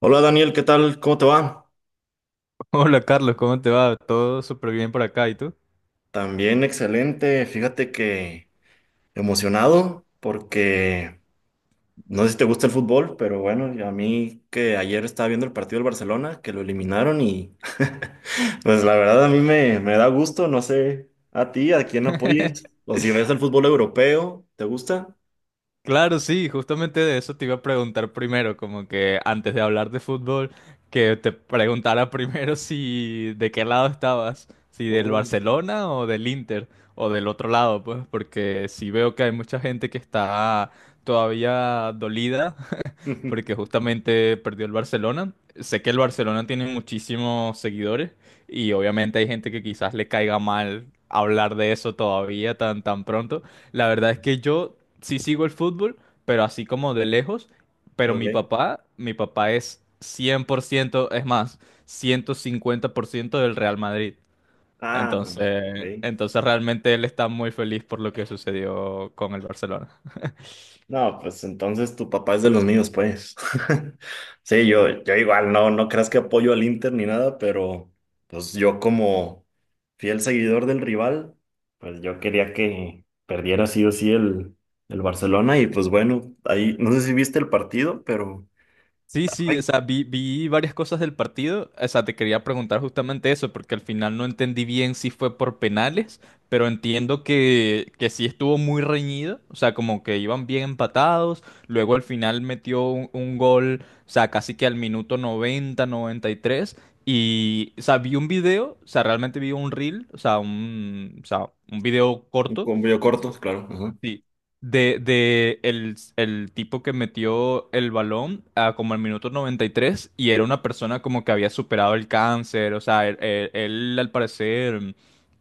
Hola Daniel, ¿qué tal? ¿Cómo te va? Hola Carlos, ¿cómo te va? Todo súper bien por acá, ¿y tú? También excelente. Fíjate que emocionado porque no sé si te gusta el fútbol, pero bueno, y a mí que ayer estaba viendo el partido del Barcelona, que lo eliminaron y pues la verdad a mí me da gusto, no sé a ti, a quién apoyes o si ves el fútbol europeo, ¿te gusta? Claro, sí, justamente de eso te iba a preguntar primero, como que antes de hablar de fútbol, que te preguntara primero si de qué lado estabas, si del Oh, Barcelona o del Inter, o del otro lado, pues, porque sí veo que hay mucha gente que está todavía dolida porque justamente perdió el Barcelona. Sé que el Barcelona tiene muchísimos seguidores y obviamente hay gente que quizás le caiga mal hablar de eso todavía tan, tan pronto. La verdad es que yo sí sigo el fútbol, pero así como de lejos, pero mi ok. papá, mi papá es 100%, es más, 150% del Real Madrid. Ah, Entonces, ok. entonces realmente él está muy feliz por lo que sucedió con el Barcelona. No, pues entonces tu papá es de los míos, pues. Sí, yo igual, no, no creas que apoyo al Inter ni nada, pero pues yo como fiel seguidor del rival, pues yo quería que perdiera sí o sí el Barcelona y pues bueno, ahí, no sé si viste el partido, pero... Sí, sí, o Ay, sea, vi varias cosas del partido. O sea, te quería preguntar justamente eso, porque al final no entendí bien si fue por penales, pero entiendo que sí estuvo muy reñido. O sea, como que iban bien empatados. Luego al final metió un gol, o sea, casi que al minuto noventa y tres. Y, o sea, vi un video, o sea, realmente vi un reel, o sea, un video un corto. cambio corto, claro. Ajá. Sí, de el tipo que metió el balón a como el minuto 93 y era una persona como que había superado el cáncer, o sea, él, al parecer,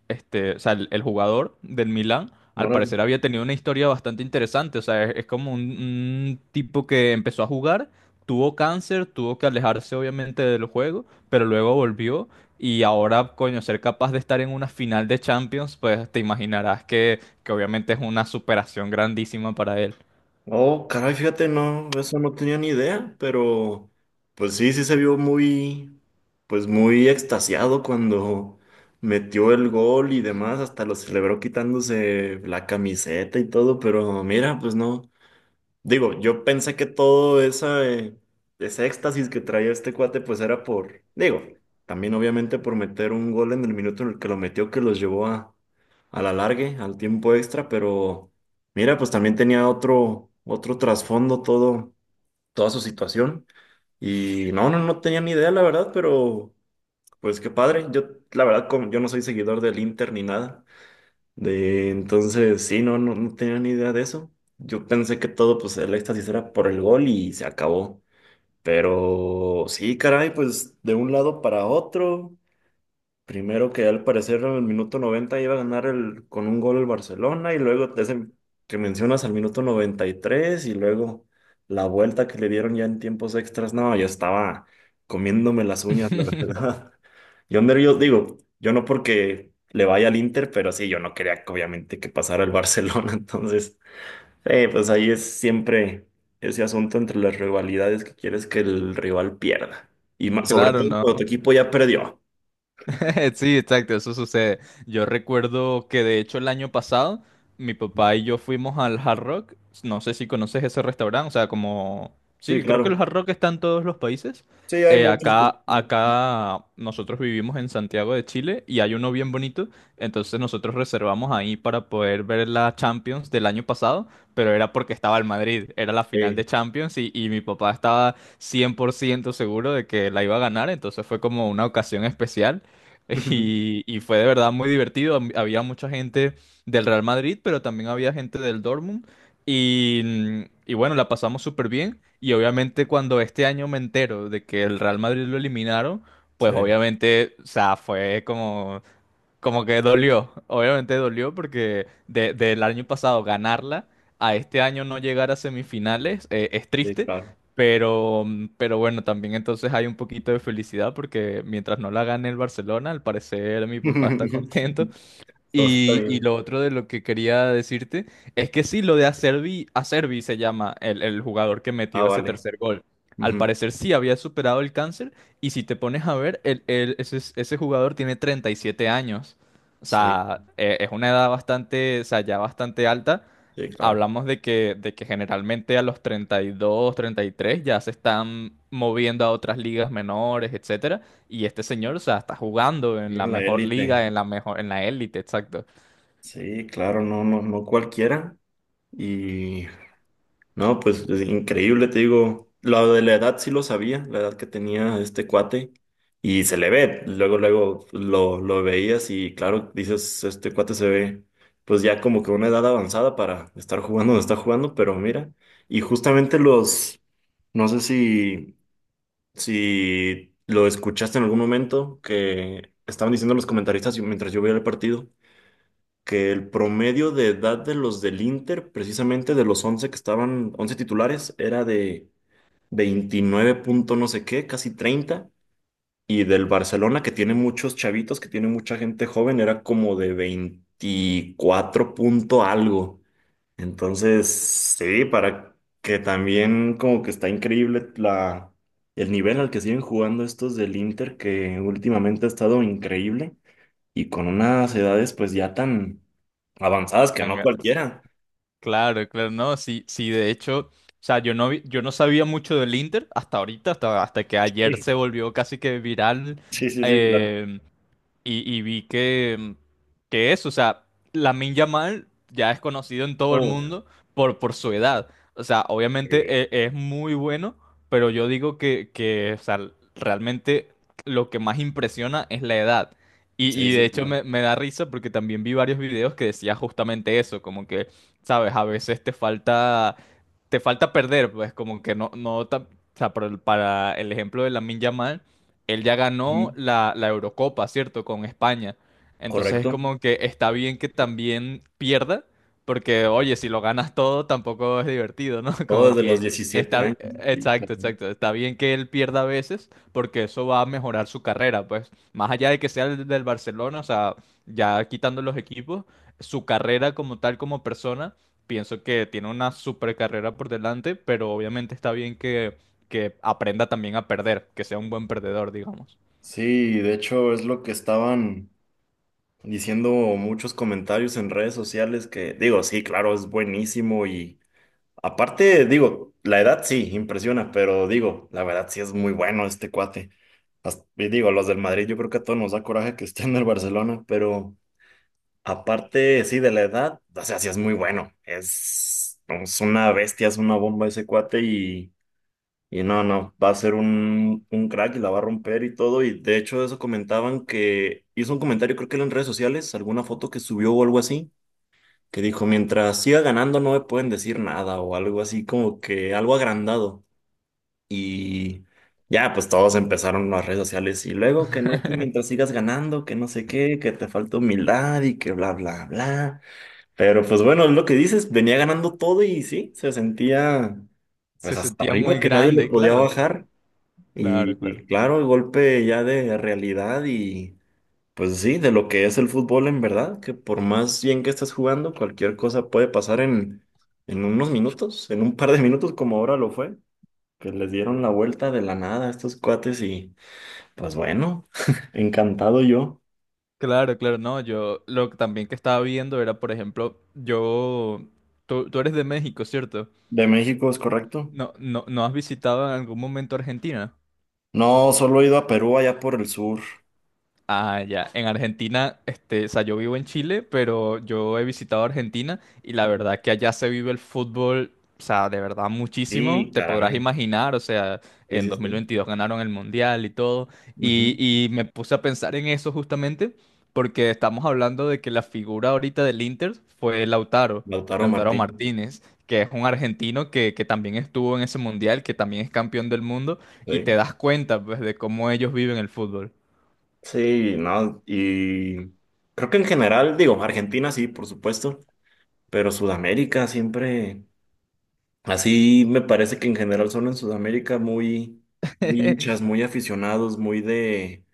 este, o sea, el jugador del Milan, al Órale. parecer había tenido una historia bastante interesante, o sea, es como un tipo que empezó a jugar, tuvo cáncer, tuvo que alejarse obviamente del juego, pero luego volvió y ahora, coño, ser capaz de estar en una final de Champions, pues te imaginarás que obviamente es una superación grandísima para él. Oh, caray, fíjate, no, eso no tenía ni idea, pero pues sí, sí se vio muy, pues muy extasiado cuando metió el gol y demás, hasta lo celebró quitándose la camiseta y todo, pero mira, pues no. Digo, yo pensé que todo esa, ese éxtasis que traía este cuate, pues era por, digo, también obviamente por meter un gol en el minuto en el que lo metió, que los llevó a, la largue, al tiempo extra, pero mira, pues también tenía otro, trasfondo todo, toda su situación. Y no, no, no tenía ni idea, la verdad, pero pues qué padre. Yo, la verdad, como yo no soy seguidor del Inter ni nada. De, entonces, sí, no, no, no tenía ni idea de eso. Yo pensé que todo, pues, el éxtasis era por el gol y se acabó. Pero sí, caray, pues, de un lado para otro Primero que al parecer en el minuto 90 iba a ganar el, con un gol el Barcelona y luego ese que mencionas al minuto 93 y tres y luego la vuelta que le dieron ya en tiempos extras. No, yo estaba comiéndome las uñas, la verdad. Yo nervioso, digo, yo no porque le vaya al Inter, pero sí, yo no quería que obviamente que pasara el Barcelona. Entonces, pues ahí es siempre ese asunto entre las rivalidades que quieres que el rival pierda. Y más, sobre Claro, todo cuando tu no. equipo ya perdió. Sí, exacto, eso sucede. Yo recuerdo que de hecho el año pasado mi papá y yo fuimos al Hard Rock. No sé si conoces ese restaurante, o sea, Sí, Sí, creo que el claro. Hard Rock está en todos los países. Sí, hay Eh, muchos. Pues, acá, acá nosotros vivimos en Santiago de Chile y hay uno bien bonito. Entonces nosotros reservamos ahí para poder ver la Champions del año pasado, pero era porque estaba el Madrid, era la final sí, de Champions y mi papá estaba 100% seguro de que la iba a ganar, entonces fue como una ocasión especial. Y fue de verdad muy divertido. Había mucha gente del Real Madrid, pero también había gente del Dortmund. Y bueno, la pasamos súper bien. Y obviamente cuando este año me entero de que el Real Madrid lo eliminaron, sí, pues obviamente, o sea, fue como que dolió, obviamente dolió porque del año pasado ganarla a este año no llegar a semifinales, es sí, triste, claro. pero, pero bueno, también entonces hay un poquito de felicidad porque mientras no la gane el Barcelona, al parecer mi papá está contento Entonces está y bien. lo otro de lo que quería decirte es que sí, lo de Acerbi, Acerbi se llama el jugador que Ah, metió ese vale. tercer gol. Al Ujú. parecer sí había superado el cáncer y si te pones a ver, ese jugador tiene 37 años. O Sí, sea, es una edad bastante, o sea, ya bastante alta. sí, claro. Hablamos de que generalmente a los 30, 32, 33 ya se están moviendo a otras ligas menores, etcétera, y este señor, o sea, está jugando en la Bien, La mejor élite. liga, en la mejor, en la élite, exacto. Sí, claro, no, no, no cualquiera. Y No, pues es increíble, te digo. Lo de la edad sí lo sabía, la edad que tenía este cuate. Y se le ve, luego, luego lo veías y claro, dices, este cuate se ve pues ya como que una edad avanzada para estar jugando donde está jugando, pero mira, y justamente los, no sé si, si lo escuchaste en algún momento, que estaban diciendo los comentaristas mientras yo veía el partido que el promedio de edad de los del Inter, precisamente de los 11 que estaban, 11 titulares, era de 29 punto no sé qué, casi 30, Y del Barcelona, que tiene muchos chavitos, que tiene mucha gente joven, era como de 24 punto algo. Entonces, sí, para que también como que está increíble la, el nivel al que siguen jugando estos del Inter, que últimamente ha estado increíble y con unas edades pues ya tan Avanzadas que Tan- no cualquiera. Claro, claro, no, sí, sí, de hecho, o sea, yo no sabía mucho del Inter hasta ahorita, hasta, que ayer Sí. se volvió casi que viral Sí, sí, sí, claro. eh, y vi que eso, o sea, Lamine Yamal ya es conocido en todo el Oh, mundo por su edad. O sea, obviamente Eh, es muy bueno, pero yo digo que, o sea, realmente lo que más impresiona es la edad. Y, sí, y de sí, hecho claro. me da risa porque también vi varios videos que decía justamente eso, como que, sabes, a veces te falta perder, pues como que no, no, o sea, para el ejemplo de Lamine Yamal, él ya Ujú. ganó la Eurocopa, ¿cierto? Con España. Entonces es Correcto. como que está bien que también pierda, porque oye, si lo ganas todo tampoco es divertido, ¿no? Todo Como desde los que 17 está, años. Sí, claro. exacto, exacto, está bien que él pierda a veces, porque eso va a mejorar su carrera, pues, más allá de que sea el del Barcelona, o sea, ya quitando los equipos, su carrera como tal, como persona. Pienso que tiene una super carrera por delante, pero obviamente está bien que aprenda también a perder, que sea un buen perdedor, digamos. Sí, de hecho es lo que estaban diciendo muchos comentarios en redes sociales que digo, sí, claro, es buenísimo y aparte, digo, la edad sí, impresiona, pero digo, la verdad sí es muy bueno este cuate. Hasta- y digo, los del Madrid yo creo que a todos nos da coraje que esté en el Barcelona, pero... Aparte, sí, de la edad, o sea, sí es muy bueno. Es una bestia, es una bomba ese cuate y no, no, va a ser un crack y la va a romper y todo. Y de hecho, eso comentaban que hizo un comentario, creo que era en redes sociales, alguna foto que subió o algo así, que dijo, mientras siga ganando no me pueden decir nada o algo así, como que algo agrandado. Y ya, pues todos empezaron las redes sociales y luego que no, que mientras sigas ganando, que no sé qué, que te falta humildad y que bla, bla, bla. Pero pues bueno, es lo que dices, venía ganando todo y sí, se sentía Se pues hasta sentía arriba muy que nadie lo grande, podía claro, bajar. claro, claro. Y claro, el golpe ya de realidad y pues sí, de lo que es el fútbol en verdad, que por más bien que estés jugando, cualquier cosa puede pasar en unos minutos, en un par de minutos como ahora lo fue, que les dieron la vuelta de la nada a estos cuates y pues bueno, encantado yo. Claro, claro, no, yo lo que también que estaba viendo era, por ejemplo, tú eres de México, ¿cierto? De México es correcto. No, no, ¿no has visitado en algún momento Argentina? No, solo he ido a Perú allá por el sur. Ah, ya. En Argentina, este, o sea, yo vivo en Chile, pero yo he visitado Argentina y la verdad que allá se vive el fútbol, o sea, de verdad muchísimo. Sí, Te podrás caray. imaginar, o sea, Sí, en sí, sí. 2022 ganaron el Mundial y todo. Y, Ujú. y me puse a pensar en eso justamente porque estamos hablando de que la figura ahorita del Inter fue Lautaro, Lautaro Lautaro Martínez. Martínez, que es un argentino que también estuvo en ese Mundial, que también es campeón del mundo y te Sí. das cuenta, pues, de cómo ellos viven el fútbol. Sí, no. Y creo que en general, digo, Argentina sí, por supuesto, pero Sudamérica siempre, así me parece que en general son en Sudamérica muy, muy hinchas, muy aficionados, muy de,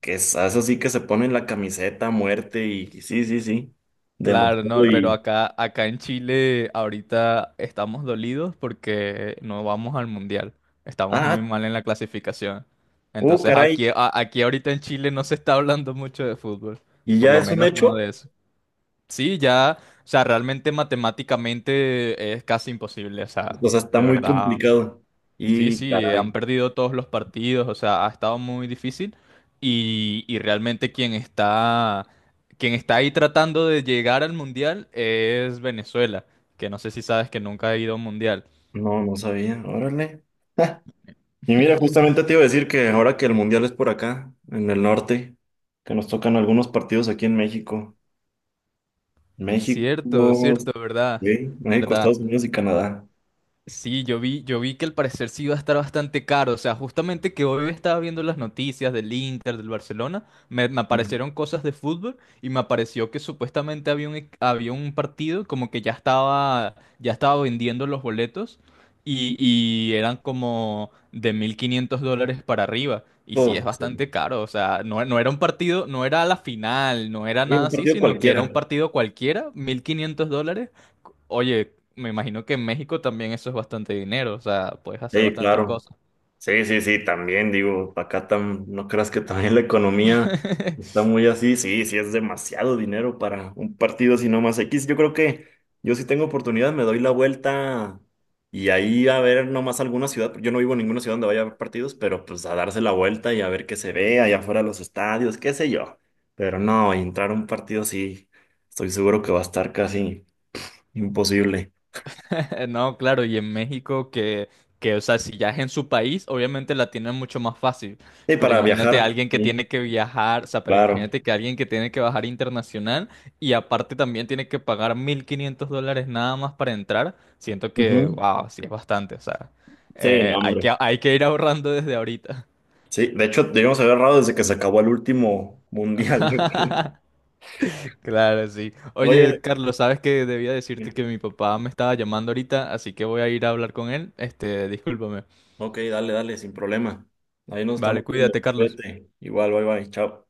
que es así que se ponen la camiseta a muerte y sí, sí, sí, Claro, no, demasiado. pero Y, acá en Chile ahorita estamos dolidos porque no vamos al mundial. Estamos muy ah, mal en la clasificación. oh, Entonces caray. aquí ahorita en Chile no se está hablando mucho de fútbol. Y Por ya lo es un menos no hecho, de eso. Sí, ya, o sea, realmente matemáticamente es casi imposible. O sea, o sea, está de muy verdad. complicado. Sí, Y sí, han caray. perdido todos los partidos, o sea, ha estado muy difícil y realmente quien está ahí tratando de llegar al mundial es Venezuela, que no sé si sabes que nunca ha ido a un mundial. No, no sabía. Órale. Ja. Y mira, justamente te iba a decir que ahora que el mundial es por acá, en el norte, que nos tocan algunos partidos aquí en México. México, Cierto, cierto, ¿verdad? sí, México, ¿Verdad? Estados Unidos y Canadá. Sí, yo vi que al parecer sí iba a estar bastante caro. O sea, justamente que hoy estaba viendo las noticias del Inter, del Barcelona, me Y, aparecieron cosas de fútbol y me apareció que supuestamente había un partido como que ya estaba vendiendo los boletos y eran como de $1,500 para arriba. Y sí, es oh, sí. bastante caro. O sea, no, no era un partido, no era la final, no era Sí, nada un así, partido sino que cualquiera. era un partido cualquiera, $1,500. Oye, me imagino que en México también eso es bastante dinero, o sea, puedes hacer Sí, bastantes claro. cosas. Sí, sí, sí, también digo, acá tam- no creas que también la economía está muy así, sí, sí, es demasiado dinero para un partido así nomás X. Yo creo que yo si tengo oportunidad me doy la vuelta y ahí a ver nomás alguna ciudad, yo no vivo en ninguna ciudad donde vaya a haber partidos, pero pues a darse la vuelta y a ver qué se ve allá afuera de los estadios, qué sé yo. Pero no, entrar a un partido sí, estoy seguro que va a estar casi imposible. No, claro, y en México que, o sea, si ya es en su país, obviamente la tienen mucho más fácil, Sí, pero para imagínate a viajar, alguien que sí, tiene que viajar, o sea, pero claro. imagínate que alguien que tiene que bajar internacional y aparte también tiene que pagar $1,500 nada más para entrar, siento que, Ujú. wow, sí es bastante, o sea, Sí, no, hay hombre. que, hay que ir ahorrando desde ahorita. Sí, de hecho, debíamos haber errado desde que se acabó el último mundial. Yo creo. Claro, sí. Oye, Oye, Carlos, sabes que debía decirte que mi papá me estaba llamando ahorita, así que voy a ir a hablar con él. Este, discúlpame. ok, dale, dale, sin problema. Ahí nos Vale, estamos viendo. cuídate, Carlos. Cuídate. Igual, bye bye, chao.